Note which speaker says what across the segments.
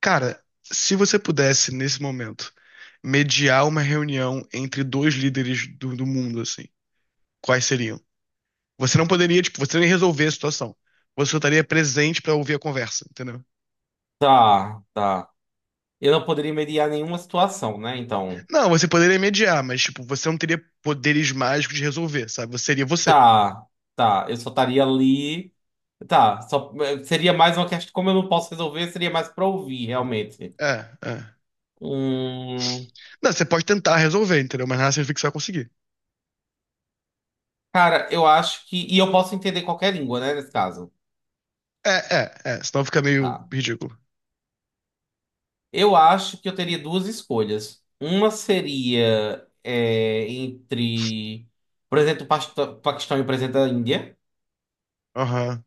Speaker 1: Cara, se você pudesse, nesse momento, mediar uma reunião entre dois líderes do mundo, assim, quais seriam? Você não poderia, tipo, você nem resolver a situação. Você só estaria presente pra ouvir a conversa, entendeu?
Speaker 2: Tá, tá. Eu não poderia mediar nenhuma situação, né? Então,
Speaker 1: Não, você poderia mediar, mas, tipo, você não teria poderes mágicos de resolver, sabe? Você seria você.
Speaker 2: tá, tá. Eu só estaria ali. Tá, só seria mais uma questão. Como eu não posso resolver, seria mais pra ouvir, realmente.
Speaker 1: É, é.
Speaker 2: Hum,
Speaker 1: Não, você pode tentar resolver, entendeu? Mas nada significa que você vai conseguir.
Speaker 2: cara, eu acho que. E eu posso entender qualquer língua, né? Nesse caso.
Speaker 1: É. Senão fica meio
Speaker 2: Tá.
Speaker 1: ridículo.
Speaker 2: Eu acho que eu teria duas escolhas. Uma seria entre, por exemplo, o Paquistão e o presidente da Índia.
Speaker 1: Aham.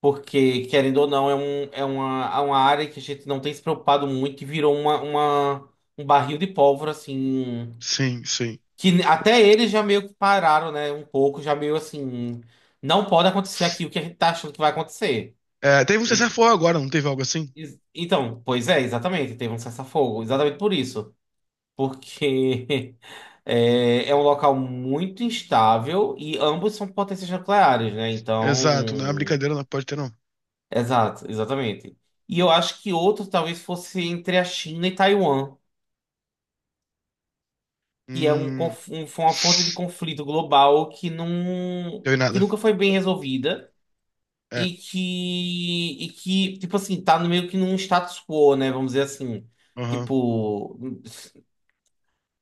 Speaker 2: Porque, querendo ou não, é uma área que a gente não tem se preocupado muito e virou um barril de pólvora, assim.
Speaker 1: Sim, sim.
Speaker 2: Que até eles já meio que pararam, né? Um pouco, já meio assim. Não pode acontecer aquilo que a gente tá achando que vai acontecer.
Speaker 1: É, teve um
Speaker 2: E-
Speaker 1: cessar-fogo agora, não teve algo assim?
Speaker 2: então, pois é, exatamente. Teve um cessar-fogo. Exatamente por isso. Porque é, é um local muito instável e ambos são potências nucleares, né?
Speaker 1: Exato, não é uma
Speaker 2: Então.
Speaker 1: brincadeira, não pode ter, não.
Speaker 2: Exato, exatamente. E eu acho que outro talvez fosse entre a China e Taiwan, que é
Speaker 1: Hum,
Speaker 2: foi uma fonte de conflito global
Speaker 1: deu em
Speaker 2: que
Speaker 1: nada.
Speaker 2: nunca foi bem resolvida
Speaker 1: É,
Speaker 2: e tipo assim, tá no meio que num status quo, né? Vamos dizer assim.
Speaker 1: aham.
Speaker 2: Tipo,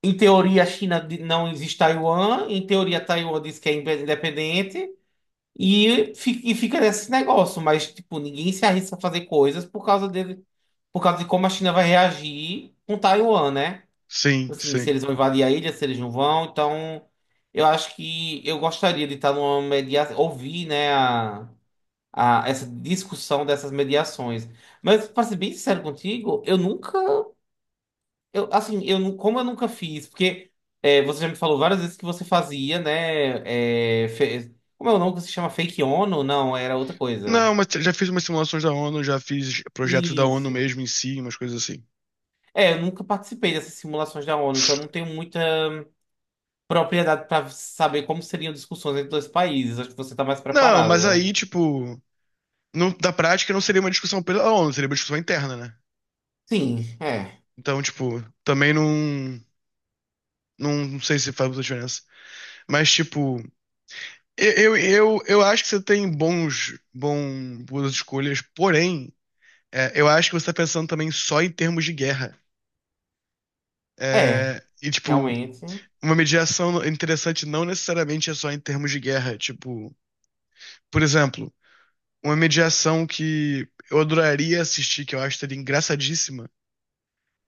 Speaker 2: em teoria a não existe Taiwan, em teoria Taiwan diz que é independente. E fica nesse negócio, mas tipo, ninguém se arrisca a fazer coisas por causa dele, por causa de como a China vai reagir com Taiwan, né?
Speaker 1: Sim,
Speaker 2: Assim, se
Speaker 1: sim.
Speaker 2: eles vão invadir a ilha, se eles não vão, então eu acho que eu gostaria de estar numa mediação, ouvir, né, essa discussão dessas mediações. Mas para ser bem sincero contigo, eu nunca eu, assim, eu, nu- como eu nunca fiz, porque é, você já me falou várias vezes que você fazia, né? Como é o nome que se chama Fake ONU? Não, era outra coisa.
Speaker 1: Não, mas já fiz umas simulações da ONU, já fiz projetos da ONU
Speaker 2: Isso.
Speaker 1: mesmo em si, umas coisas assim.
Speaker 2: É, eu nunca participei dessas simulações da ONU, então eu não tenho muita propriedade para saber como seriam discussões entre dois países. Acho que você tá mais
Speaker 1: Não,
Speaker 2: preparado,
Speaker 1: mas
Speaker 2: né?
Speaker 1: aí, tipo, não, da prática não seria uma discussão pela ONU, seria uma discussão interna, né?
Speaker 2: Sim, é.
Speaker 1: Então, tipo, também não, não sei se faz muita diferença. Mas, tipo, eu acho que você tem bons, bom, boas escolhas, porém, é, eu acho que você tá pensando também só em termos de guerra.
Speaker 2: É,
Speaker 1: É, e, tipo,
Speaker 2: realmente.
Speaker 1: uma mediação interessante não necessariamente é só em termos de guerra. Tipo, por exemplo, uma mediação que eu adoraria assistir, que eu acho seria engraçadíssima,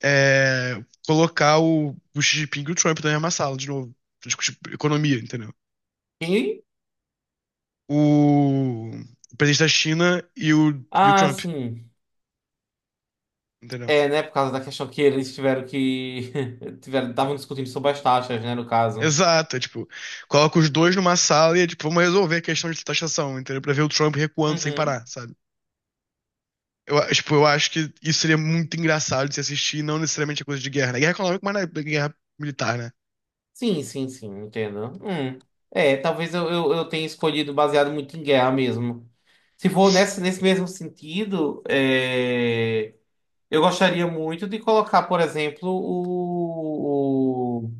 Speaker 1: é colocar o Xi Jinping e o Trump na mesma sala, de novo, pra discutir economia, entendeu?
Speaker 2: E,
Speaker 1: O, o presidente da China e o
Speaker 2: ah,
Speaker 1: Trump,
Speaker 2: sim.
Speaker 1: entendeu?
Speaker 2: É, né? Por causa da questão que eles tiveram que. Tiveram, estavam discutindo sobre as taxas, né? No caso.
Speaker 1: Exato, é tipo, coloca os dois numa sala e é tipo, vamos resolver a questão de taxação, entendeu? Pra ver o Trump recuando sem
Speaker 2: Uhum.
Speaker 1: parar, sabe? Eu, tipo, eu acho que isso seria muito engraçado de se assistir, não necessariamente a coisa de guerra. Né, guerra econômica, mas na guerra militar, né?
Speaker 2: Sim, sim, sim, entendo. Hum. É, talvez eu tenha escolhido baseado muito em guerra mesmo. Se for nesse mesmo sentido, é, eu gostaria muito de colocar, por exemplo, o, o,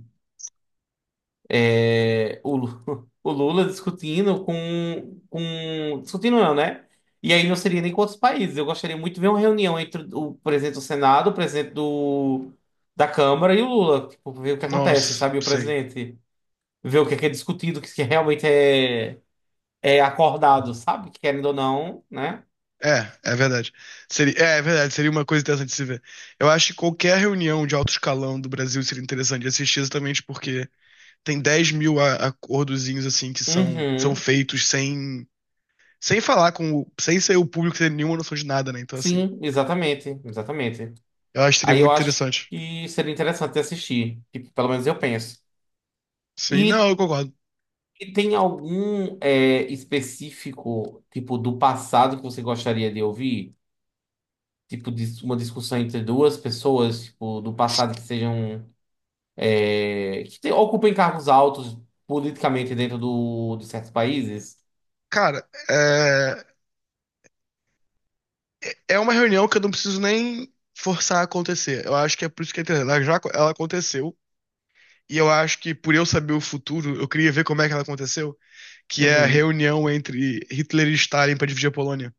Speaker 2: é, o, Lu- o Lula discutindo com. Discutindo não, né? E aí não seria nem com outros países. Eu gostaria muito de ver uma reunião entre o presidente do Senado, o presidente do, da Câmara e o Lula. Tipo, ver o que acontece,
Speaker 1: Nossa,
Speaker 2: sabe? O
Speaker 1: sim.
Speaker 2: presidente ver o que é discutido, o que realmente é, é acordado, sabe? Querendo ou não, né?
Speaker 1: É, é verdade. Seria, é, é verdade, seria uma coisa interessante de se ver. Eu acho que qualquer reunião de alto escalão do Brasil seria interessante de assistir exatamente porque tem 10.000 acordozinhos assim que são, são
Speaker 2: Uhum.
Speaker 1: feitos sem, sem falar com o, sem ser o público ter nenhuma noção de nada, né? Então, assim,
Speaker 2: Sim, exatamente, exatamente.
Speaker 1: eu acho que seria
Speaker 2: Aí eu
Speaker 1: muito
Speaker 2: acho
Speaker 1: interessante.
Speaker 2: que seria interessante assistir, tipo, pelo menos eu penso.
Speaker 1: Sim, não,
Speaker 2: E,
Speaker 1: eu concordo.
Speaker 2: e tem algum é, específico, tipo, do passado que você gostaria de ouvir? Tipo, uma discussão entre duas pessoas, tipo, do passado que sejam... é, que ocupem cargos altos politicamente dentro do, de certos países?
Speaker 1: Cara, é. É uma reunião que eu não preciso nem forçar a acontecer. Eu acho que é por isso que é interessante. Ela já, ela aconteceu. E eu acho que por eu saber o futuro, eu queria ver como é que ela aconteceu, que é a
Speaker 2: Uhum.
Speaker 1: reunião entre Hitler e Stalin para dividir a Polônia.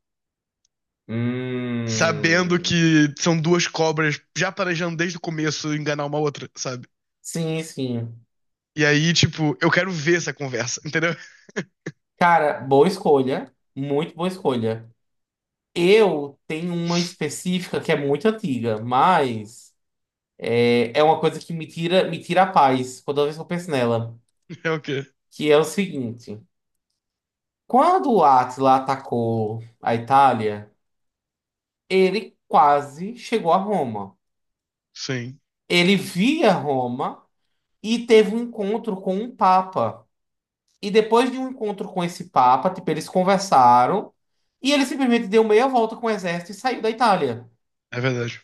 Speaker 1: Sabendo
Speaker 2: Hum,
Speaker 1: que são duas cobras já planejando desde o começo enganar uma outra, sabe?
Speaker 2: sim, sim.
Speaker 1: E aí, tipo, eu quero ver essa conversa, entendeu?
Speaker 2: Cara, boa escolha. Muito boa escolha. Eu tenho uma específica que é muito antiga, mas é, é uma coisa que me tira a paz toda vez que eu penso nela.
Speaker 1: É o quê?
Speaker 2: Que é o seguinte: quando o Átila atacou a Itália, ele quase chegou a Roma.
Speaker 1: Sim,
Speaker 2: Ele via Roma e teve um encontro com um Papa. E depois de um encontro com esse Papa, tipo, eles conversaram e ele simplesmente deu meia volta com o exército e saiu da Itália.
Speaker 1: é verdade.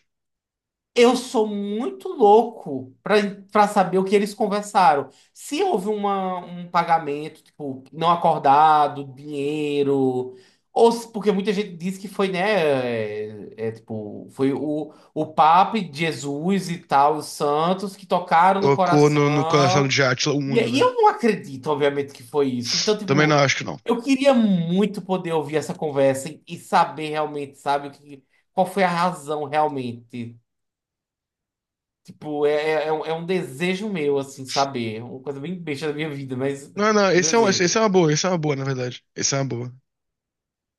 Speaker 2: Eu sou muito louco pra para saber o que eles conversaram. Se houve uma, um pagamento, tipo, não acordado, dinheiro, ou se- porque muita gente diz que foi, né, tipo, foi o Papa e Jesus e tal, os santos que tocaram no
Speaker 1: Tocou no coração
Speaker 2: coração.
Speaker 1: de Átila o
Speaker 2: E
Speaker 1: Uno,
Speaker 2: aí
Speaker 1: né?
Speaker 2: eu não acredito, obviamente, que foi isso. Então,
Speaker 1: Também não
Speaker 2: tipo,
Speaker 1: acho que não.
Speaker 2: eu queria muito poder ouvir essa conversa e saber realmente, sabe, o que, qual foi a razão realmente. Tipo, é um desejo meu, assim, saber. É uma coisa bem besta da minha vida, mas
Speaker 1: Não, não,
Speaker 2: um
Speaker 1: esse
Speaker 2: desejo.
Speaker 1: é uma boa, esse é uma boa, na verdade. Esse é uma boa.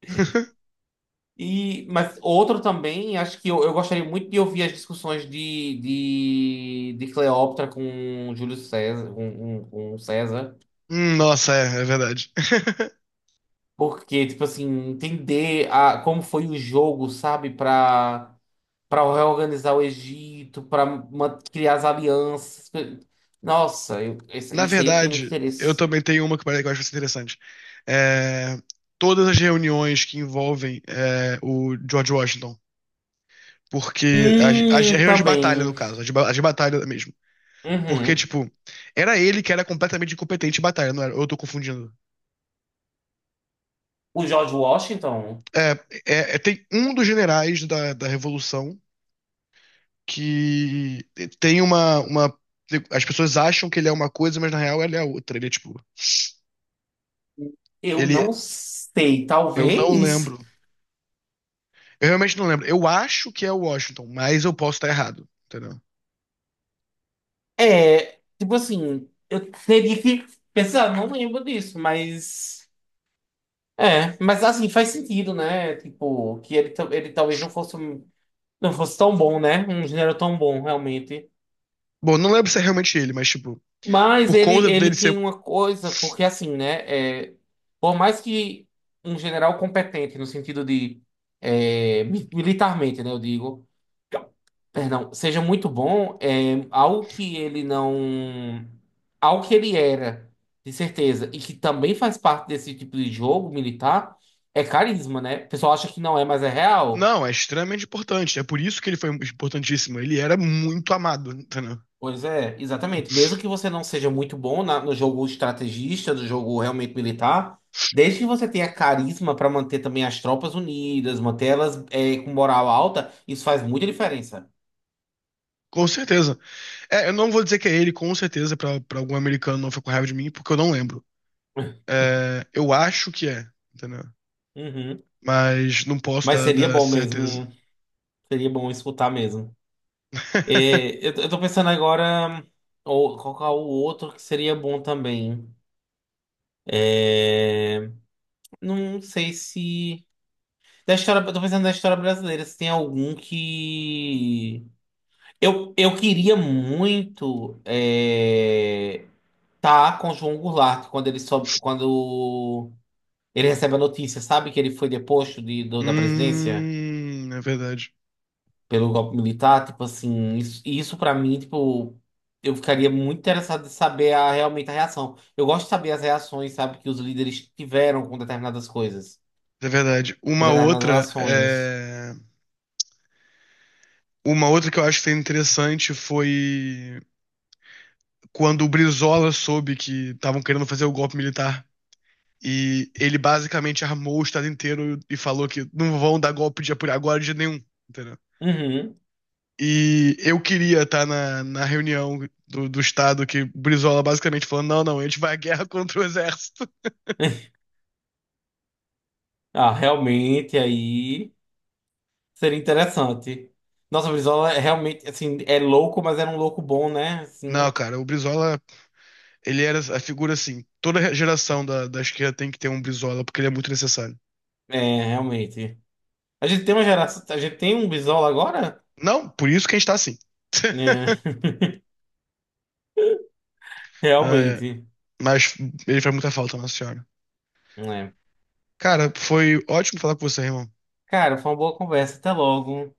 Speaker 2: E, mas outro também, acho que eu gostaria muito de ouvir as discussões de Cleópatra com Júlio César, com com César.
Speaker 1: Nossa, é, é verdade.
Speaker 2: Porque, tipo assim, como foi o jogo, sabe? Pra, pra reorganizar o Egito, pra criar as alianças. Nossa, isso
Speaker 1: Na
Speaker 2: aí eu tinha muito
Speaker 1: verdade, eu
Speaker 2: interesse.
Speaker 1: também tenho uma que que eu acho que vai ser interessante. É, todas as reuniões que envolvem é, o George Washington, porque as reuniões de batalha, no
Speaker 2: Também.
Speaker 1: caso, as de, as de batalha mesmo. Porque,
Speaker 2: Uhum.
Speaker 1: tipo, era ele que era completamente incompetente em batalha, não era? Ou eu tô confundindo.
Speaker 2: O George Washington,
Speaker 1: É, tem um dos generais da, da Revolução que tem uma, uma. As pessoas acham que ele é uma coisa, mas na real ele é outra. Ele é, tipo.
Speaker 2: eu
Speaker 1: Ele,
Speaker 2: não sei,
Speaker 1: eu não
Speaker 2: talvez.
Speaker 1: lembro. Eu realmente não lembro. Eu acho que é o Washington, mas eu posso estar errado, entendeu?
Speaker 2: É, tipo assim, eu teria que pensar, não lembro disso, mas. É, mas assim, faz sentido, né? Tipo, que ele talvez não fosse tão bom, né? Um gênero tão bom, realmente.
Speaker 1: Bom, não lembro se é realmente ele, mas, tipo,
Speaker 2: Mas
Speaker 1: por conta
Speaker 2: ele
Speaker 1: dele
Speaker 2: tinha
Speaker 1: ser.
Speaker 2: uma coisa, porque assim, né? é, por mais que um general competente, no sentido de é, militarmente, né? Eu digo, perdão, seja muito bom, é, algo que ele não. Algo que ele era, de certeza, e que também faz parte desse tipo de jogo militar, é carisma, né? O pessoal acha que não é, mas é real.
Speaker 1: Não, é extremamente importante. É por isso que ele foi importantíssimo. Ele era muito amado, entendeu?
Speaker 2: Pois é, exatamente. Mesmo que você não seja muito bom no jogo estrategista, no jogo realmente militar, desde que você tenha carisma para manter também as tropas unidas, manter elas é, com moral alta, isso faz muita diferença.
Speaker 1: Com certeza. É, eu não vou dizer que é ele, com certeza, pra, pra algum americano não ficar com raiva de mim, porque eu não lembro. É, eu acho que é, entendeu?
Speaker 2: Uhum.
Speaker 1: Mas não posso
Speaker 2: Mas
Speaker 1: dar,
Speaker 2: seria
Speaker 1: dar
Speaker 2: bom mesmo,
Speaker 1: certeza.
Speaker 2: seria bom escutar mesmo. É, eu tô pensando agora, ou qual que é o outro que seria bom também? É, não sei se. Da história, eu tô pensando da história brasileira, se tem algum que. Eu queria muito estar com o João Goulart quando ele soube, quando ele recebe a notícia, sabe que ele foi deposto da presidência
Speaker 1: É verdade.
Speaker 2: pelo golpe militar, tipo assim, isso para mim, tipo, eu ficaria muito interessado de saber a, realmente a reação. Eu gosto de saber as reações, sabe, que os líderes tiveram com determinadas coisas,
Speaker 1: É verdade.
Speaker 2: com
Speaker 1: Uma
Speaker 2: determinadas
Speaker 1: outra
Speaker 2: ações.
Speaker 1: é. Uma outra que eu acho que foi interessante foi quando o Brizola soube que estavam querendo fazer o golpe militar. E ele basicamente armou o estado inteiro e falou que não vão dar golpe de apoio agora de nenhum, entendeu?
Speaker 2: Uhum.
Speaker 1: E eu queria estar na, na reunião do estado que o Brizola basicamente falando, não, não, a gente vai à guerra contra o exército.
Speaker 2: Ah, realmente aí. Seria interessante. Nossa, o Brizola é realmente, assim, é louco, mas era um louco bom, né?
Speaker 1: Não,
Speaker 2: Assim,
Speaker 1: cara, o Brizola, ele era a figura assim, toda geração da, da esquerda tem que ter um Brizola, porque ele é muito necessário.
Speaker 2: é, realmente. A gente tem uma geração, a gente tem um Brizola agora?
Speaker 1: Não, por isso que a gente tá assim.
Speaker 2: É,
Speaker 1: Ah, é.
Speaker 2: realmente.
Speaker 1: Mas ele faz muita falta, Nossa Senhora.
Speaker 2: É.
Speaker 1: Cara, foi ótimo falar com você, irmão.
Speaker 2: Cara, foi uma boa conversa. Até logo.